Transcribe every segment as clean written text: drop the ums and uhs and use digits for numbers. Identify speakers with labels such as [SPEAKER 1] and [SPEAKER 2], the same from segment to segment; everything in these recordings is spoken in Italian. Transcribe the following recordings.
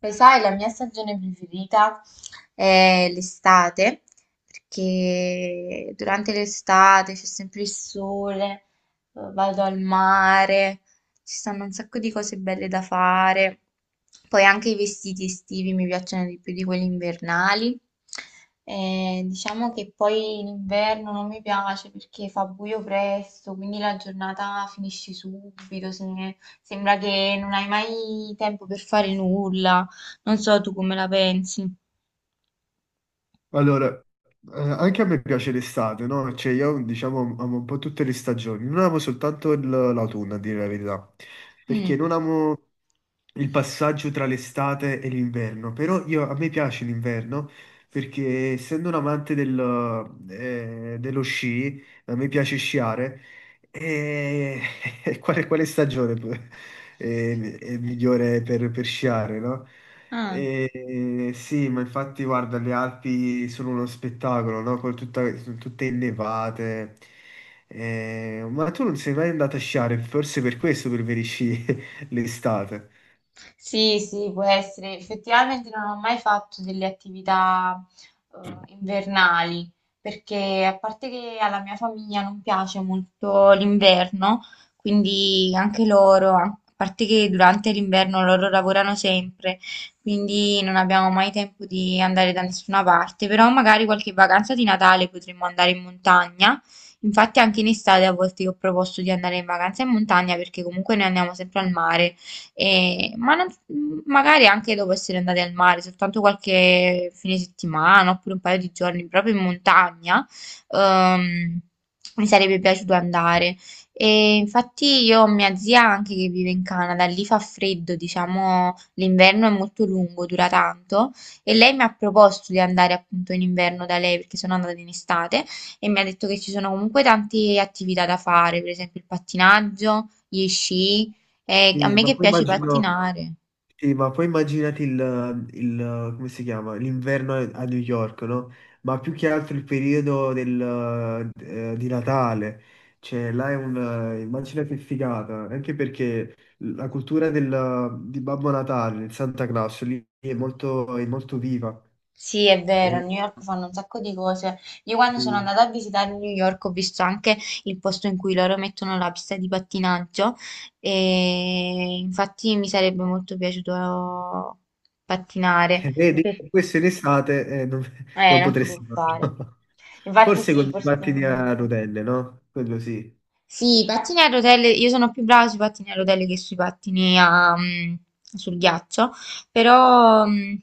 [SPEAKER 1] Lo sai, la mia stagione preferita è l'estate, perché durante l'estate c'è sempre il sole, vado al mare, ci stanno un sacco di cose belle da fare. Poi anche i vestiti estivi mi piacciono di più di quelli invernali. Diciamo che poi l'inverno non mi piace perché fa buio presto, quindi la giornata finisce subito, sembra che non hai mai tempo per fare nulla. Non so tu come la pensi.
[SPEAKER 2] Allora, anche a me piace l'estate, no? Cioè io diciamo amo un po' tutte le stagioni, non amo soltanto l'autunno, a dire la verità,
[SPEAKER 1] Mm.
[SPEAKER 2] perché non amo il passaggio tra l'estate e l'inverno, però a me piace l'inverno perché essendo un amante dello sci, a me piace sciare e e quale stagione è migliore per sciare, no?
[SPEAKER 1] Ah.
[SPEAKER 2] E, sì, ma infatti guarda, le Alpi sono uno spettacolo, no? Con sono tutte innevate. Ma tu non sei mai andato a sciare, forse per questo preferisci l'estate.
[SPEAKER 1] Sì, sì, può essere. Effettivamente non ho mai fatto delle attività invernali, perché a parte che alla mia famiglia non piace molto l'inverno, quindi anche loro, a parte che durante l'inverno loro lavorano sempre, quindi non abbiamo mai tempo di andare da nessuna parte, però magari qualche vacanza di Natale potremmo andare in montagna. Infatti anche in estate a volte io ho proposto di andare in vacanza in montagna perché comunque noi andiamo sempre al mare. E- ma non- magari anche dopo essere andati al mare, soltanto qualche fine settimana oppure un paio di giorni proprio in montagna, ehm, mi sarebbe piaciuto andare. E infatti io ho mia zia anche che vive in Canada, lì fa freddo, diciamo, l'inverno è molto lungo, dura tanto e lei mi ha proposto di andare appunto in inverno da lei perché sono andata in estate e mi ha detto che ci sono comunque tante attività da fare, per esempio il pattinaggio, gli sci, a
[SPEAKER 2] Sì,
[SPEAKER 1] me
[SPEAKER 2] ma
[SPEAKER 1] che
[SPEAKER 2] poi
[SPEAKER 1] piace
[SPEAKER 2] immagino.
[SPEAKER 1] pattinare.
[SPEAKER 2] Sì, ma poi immaginati come si chiama? L'inverno a New York, no? Ma più che altro il periodo di Natale. Cioè, là è immagina che figata, anche perché la cultura di Babbo Natale, del Santa Claus, lì è molto, viva.
[SPEAKER 1] Sì, è vero, a
[SPEAKER 2] E,
[SPEAKER 1] New York fanno un sacco di cose. Io quando sono
[SPEAKER 2] e-
[SPEAKER 1] andata a visitare New York ho visto anche il posto in cui loro mettono la pista di pattinaggio e infatti mi sarebbe molto piaciuto pattinare.
[SPEAKER 2] e
[SPEAKER 1] Per-
[SPEAKER 2] questo in estate non, non
[SPEAKER 1] Non si può
[SPEAKER 2] potresti
[SPEAKER 1] fare.
[SPEAKER 2] farlo.
[SPEAKER 1] Infatti
[SPEAKER 2] Forse
[SPEAKER 1] sì,
[SPEAKER 2] con i
[SPEAKER 1] forse...
[SPEAKER 2] pattini a rotelle, no? Quello sì.
[SPEAKER 1] Sì, i pattini a rotelle, io sono più brava sui pattini a rotelle che sui pattini a, sul ghiaccio, però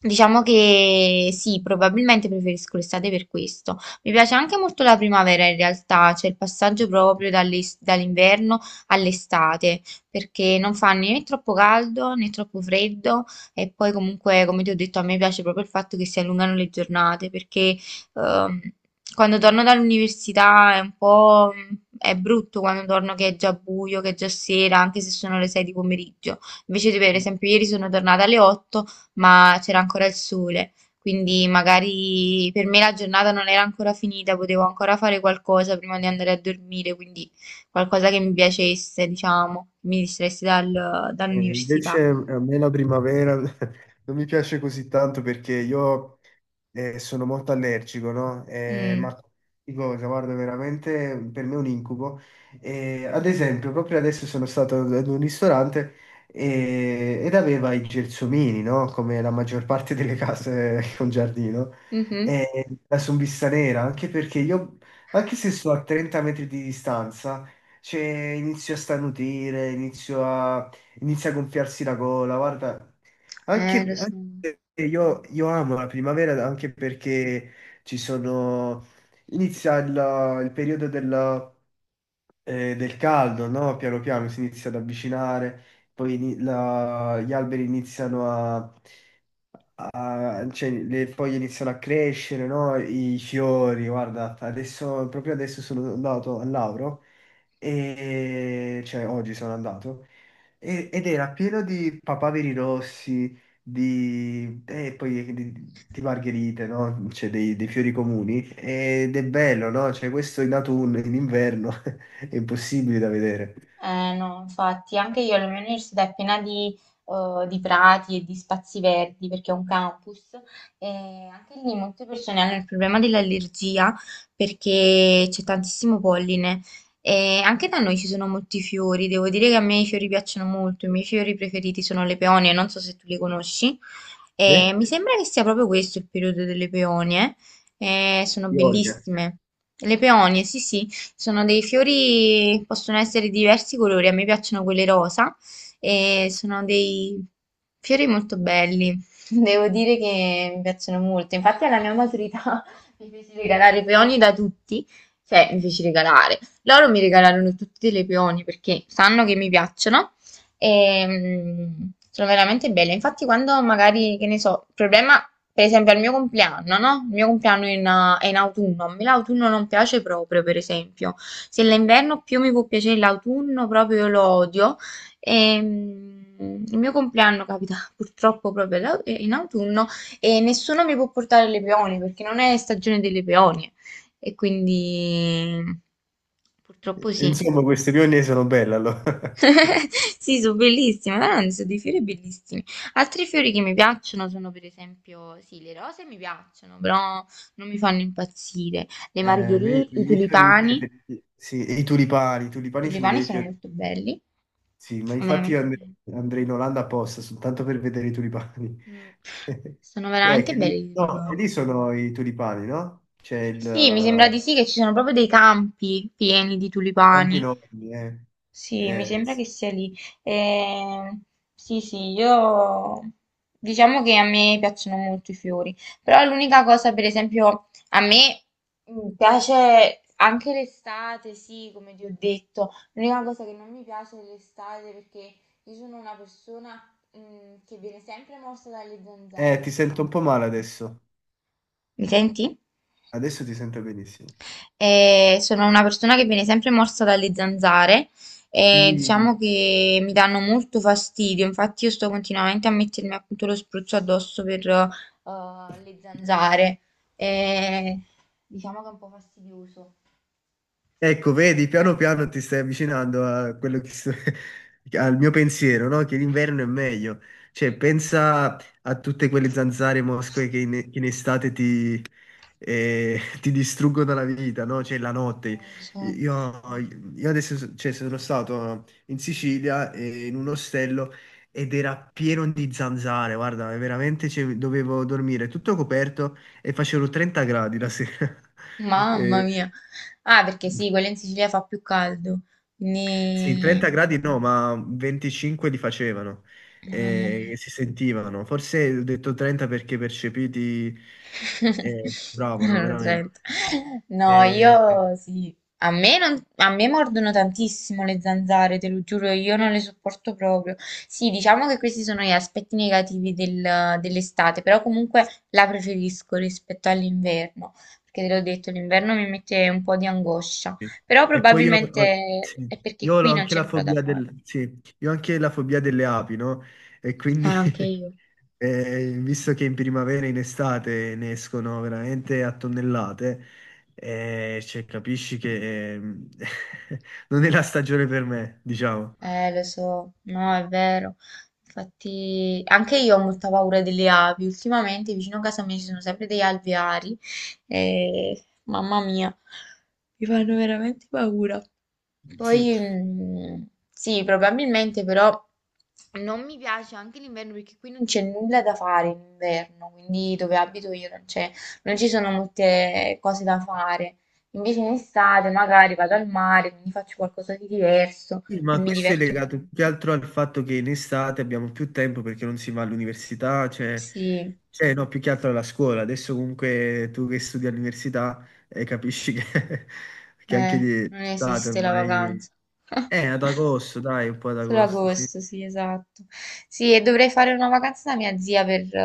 [SPEAKER 1] diciamo che sì, probabilmente preferisco l'estate per questo. Mi piace anche molto la primavera in realtà, cioè il passaggio proprio dall'inverno all'estate, perché non fa né troppo caldo né troppo freddo e poi comunque, come ti ho detto, a me piace proprio il fatto che si allungano le giornate, perché Ehm, quando torno dall'università è un po'... è brutto quando torno che è già buio, che è già sera, anche se sono le 6 di pomeriggio. Invece, per esempio, ieri sono tornata alle 8, ma c'era ancora il sole. Quindi magari per me la giornata non era ancora finita, potevo ancora fare qualcosa prima di andare a dormire, quindi qualcosa che mi piacesse, diciamo, mi distraesse
[SPEAKER 2] E invece
[SPEAKER 1] dall'università.
[SPEAKER 2] a me la primavera non mi piace così tanto perché io sono molto allergico, no? Eh,
[SPEAKER 1] Mm.
[SPEAKER 2] ma di cosa, guarda, veramente per me è un incubo. Ad esempio, proprio adesso sono stato ad un ristorante ed aveva i gelsomini, no? Come la maggior parte delle case con giardino.
[SPEAKER 1] Mhm.
[SPEAKER 2] E la sombista nera, anche perché io, anche se sto a 30 metri di distanza, cioè, inizio a starnutire, inizio a inizia a gonfiarsi la gola, guarda. Anche,
[SPEAKER 1] Lo so.
[SPEAKER 2] anche io, amo la primavera anche perché ci sono... Inizia il periodo del caldo, no? Piano piano si inizia ad avvicinare, poi gli alberi iniziano a... cioè, le foglie iniziano a crescere, no? I fiori, guarda. Adesso, proprio adesso sono andato al Lauro e cioè oggi sono andato ed era pieno di papaveri rossi, e poi di margherite, no? Cioè dei fiori comuni ed è bello, no? Cioè questo in autunno, in inverno è impossibile da vedere.
[SPEAKER 1] No, infatti, anche io la mia università è piena di prati e di spazi verdi perché è un campus e anche lì molte persone hanno il problema dell'allergia perché c'è tantissimo polline e anche da noi ci sono molti fiori, devo dire che a me i fiori piacciono molto, i miei fiori preferiti sono le peonie, non so se tu li conosci, e
[SPEAKER 2] Eh?
[SPEAKER 1] mi sembra che sia proprio questo il periodo delle peonie. Sono
[SPEAKER 2] Pionie.
[SPEAKER 1] bellissime. Le peonie, sì, sì. Sono dei fiori, possono essere di diversi colori, a me piacciono quelli rosa e sono dei fiori molto belli. Devo dire che mi piacciono molto. Infatti alla mia maturità mi feci regalare i peoni da tutti, cioè mi feci regalare. Loro mi regalarono tutti delle peoni perché sanno che mi piacciono e, sono veramente belle. Infatti, quando magari, che ne so, il problema, per esempio, al mio compleanno, no? Il mio compleanno è in autunno. A me l'autunno non piace proprio, per esempio. Se l'inverno più mi può piacere l'autunno, proprio io lo odio. E, il mio compleanno capita purtroppo proprio in autunno e nessuno mi può portare le peonie perché non è stagione delle peonie. E quindi purtroppo sì.
[SPEAKER 2] Insomma, queste pionie sono belle allora.
[SPEAKER 1] Sì, sono bellissime, veramente sono dei fiori bellissimi. Altri fiori che mi piacciono sono per esempio, sì, le rose mi piacciono, però non mi fanno impazzire. Le
[SPEAKER 2] Eh, me-
[SPEAKER 1] margherite,
[SPEAKER 2] i miei fiori
[SPEAKER 1] i
[SPEAKER 2] preferiti, sì, e i tulipani, sono i
[SPEAKER 1] tulipani
[SPEAKER 2] miei
[SPEAKER 1] sono
[SPEAKER 2] fiori.
[SPEAKER 1] molto belli,
[SPEAKER 2] Sì, ma
[SPEAKER 1] sono
[SPEAKER 2] infatti
[SPEAKER 1] veramente belli.
[SPEAKER 2] andrei in Olanda apposta, soltanto per vedere i tulipani.
[SPEAKER 1] Mm. Sono veramente
[SPEAKER 2] Che lì,
[SPEAKER 1] belli i
[SPEAKER 2] no, e
[SPEAKER 1] tulipani.
[SPEAKER 2] lì sono i tulipani, no? C'è il
[SPEAKER 1] Sì, mi sembra di sì che ci sono proprio dei campi pieni di
[SPEAKER 2] Campi
[SPEAKER 1] tulipani.
[SPEAKER 2] enormi, eh.
[SPEAKER 1] Sì, mi sembra
[SPEAKER 2] Sì.
[SPEAKER 1] che sia lì. Ehm, sì, sì, io diciamo che a me piacciono molto i fiori, però l'unica cosa, per esempio, a me piace anche l'estate, sì, come ti ho detto, l'unica cosa che non mi piace è l'estate perché io sono una persona, che viene sempre morsa dalle zanzare,
[SPEAKER 2] Ti sento un po'
[SPEAKER 1] sempre.
[SPEAKER 2] male adesso.
[SPEAKER 1] Mi senti?
[SPEAKER 2] Adesso ti sento benissimo.
[SPEAKER 1] E sono una persona che viene sempre morsa dalle zanzare e
[SPEAKER 2] Sì.
[SPEAKER 1] diciamo che mi danno molto fastidio, infatti io sto continuamente a mettermi appunto lo spruzzo addosso per le zanzare. E diciamo che è un po' fastidioso.
[SPEAKER 2] Ecco, vedi, piano piano ti stai avvicinando a quello che al mio pensiero, no? Che l'inverno è meglio. Cioè, pensa a tutte quelle zanzare e mosche che in estate e ti distruggono la vita, no? Cioè la notte.
[SPEAKER 1] Lo so.
[SPEAKER 2] Io, io adesso cioè, sono stato in Sicilia in un ostello ed era pieno di zanzare, guarda, veramente cioè, dovevo dormire tutto coperto e facevano 30 gradi la sera.
[SPEAKER 1] Mamma
[SPEAKER 2] Eh,
[SPEAKER 1] mia. Ah, perché sì, quella in Sicilia fa più caldo.
[SPEAKER 2] sì, 30
[SPEAKER 1] Quindi...
[SPEAKER 2] gradi no, ma 25 li facevano.
[SPEAKER 1] Mamma mia.
[SPEAKER 2] Si sentivano, forse ho detto 30 perché percepiti bravano
[SPEAKER 1] Erano
[SPEAKER 2] veramente.
[SPEAKER 1] 30. No,
[SPEAKER 2] Eh,
[SPEAKER 1] io sì. A me, non- a me mordono tantissimo le zanzare, te lo giuro, io non le sopporto proprio. Sì, diciamo che questi sono gli aspetti negativi dell'estate, però comunque la preferisco rispetto all'inverno, perché te l'ho detto, l'inverno mi mette un po' di angoscia,
[SPEAKER 2] Sì.
[SPEAKER 1] però
[SPEAKER 2] E poi io,
[SPEAKER 1] probabilmente
[SPEAKER 2] sì,
[SPEAKER 1] è perché
[SPEAKER 2] io
[SPEAKER 1] qui
[SPEAKER 2] ho
[SPEAKER 1] non
[SPEAKER 2] anche
[SPEAKER 1] c'è
[SPEAKER 2] la
[SPEAKER 1] nulla da
[SPEAKER 2] fobia
[SPEAKER 1] fare.
[SPEAKER 2] sì, io ho anche la fobia delle api, no? E quindi,
[SPEAKER 1] Ah, anche io.
[SPEAKER 2] visto che in primavera e in estate ne escono veramente a tonnellate, capisci che non è la stagione per me, diciamo.
[SPEAKER 1] Lo so, no, è vero. Infatti, anche io ho molta paura delle api. Ultimamente vicino a casa mia ci sono sempre degli alveari e mamma mia, mi fanno veramente paura.
[SPEAKER 2] Sì.
[SPEAKER 1] Poi sì, probabilmente però non mi piace anche l'inverno perché qui non c'è nulla da fare in inverno, quindi dove abito io non c'è, non ci sono molte cose da fare. Invece in estate magari vado al mare, quindi faccio qualcosa di diverso
[SPEAKER 2] Sì,
[SPEAKER 1] e
[SPEAKER 2] ma
[SPEAKER 1] mi
[SPEAKER 2] questo è
[SPEAKER 1] diverto di
[SPEAKER 2] legato
[SPEAKER 1] più.
[SPEAKER 2] più che altro al fatto che in estate abbiamo più tempo perché non si va all'università,
[SPEAKER 1] Sì,
[SPEAKER 2] cioè, no, più che altro alla scuola. Adesso comunque tu che studi all'università capisci che, che anche di
[SPEAKER 1] non
[SPEAKER 2] estate
[SPEAKER 1] esiste la
[SPEAKER 2] ormai...
[SPEAKER 1] vacanza.
[SPEAKER 2] Ad agosto, dai, un po' ad
[SPEAKER 1] Solo
[SPEAKER 2] agosto, sì.
[SPEAKER 1] agosto, sì, esatto. Sì, e dovrei fare una vacanza da mia zia per,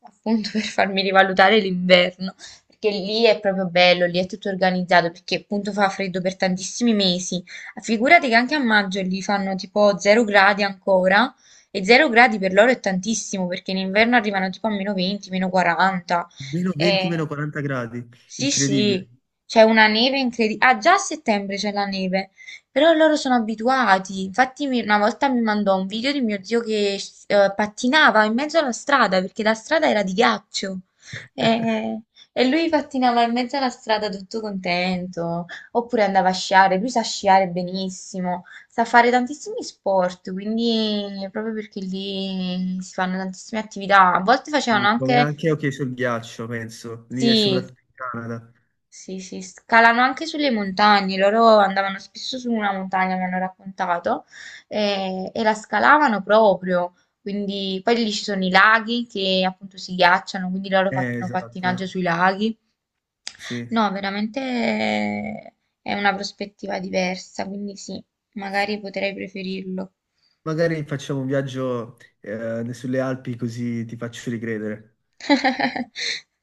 [SPEAKER 1] appunto, per farmi rivalutare l'inverno, perché lì è proprio bello, lì è tutto organizzato, perché appunto fa freddo per tantissimi mesi. Figurati che anche a maggio lì fanno tipo 0 gradi ancora, e 0 gradi per loro è tantissimo, perché in inverno arrivano tipo a meno 20, meno 40.
[SPEAKER 2] Meno 20, meno 40 gradi,
[SPEAKER 1] Sì,
[SPEAKER 2] incredibile.
[SPEAKER 1] sì, c'è una neve incredibile. Ah, già a settembre c'è la neve, però loro sono abituati. Infatti una volta mi mandò un video di mio zio che pattinava in mezzo alla strada, perché la strada era di ghiaccio. E, e lui pattinava in mezzo alla strada tutto contento, oppure andava a sciare, lui sa sciare benissimo, sa fare tantissimi sport, quindi proprio perché lì si fanno tantissime attività. A volte facevano
[SPEAKER 2] Quindi, come
[SPEAKER 1] anche...
[SPEAKER 2] anche ok sul ghiaccio, penso, lì e
[SPEAKER 1] Sì,
[SPEAKER 2] soprattutto in Canada.
[SPEAKER 1] sì, sì, scalano anche sulle montagne, loro andavano spesso su una montagna, mi hanno raccontato, e la scalavano proprio, quindi poi lì ci sono i laghi che appunto si ghiacciano, quindi loro fanno
[SPEAKER 2] Esatto, eh.
[SPEAKER 1] pattinaggio sui laghi.
[SPEAKER 2] Sì.
[SPEAKER 1] No, veramente è una prospettiva diversa, quindi sì, magari potrei preferirlo.
[SPEAKER 2] Magari facciamo un viaggio sulle Alpi così ti faccio ricredere.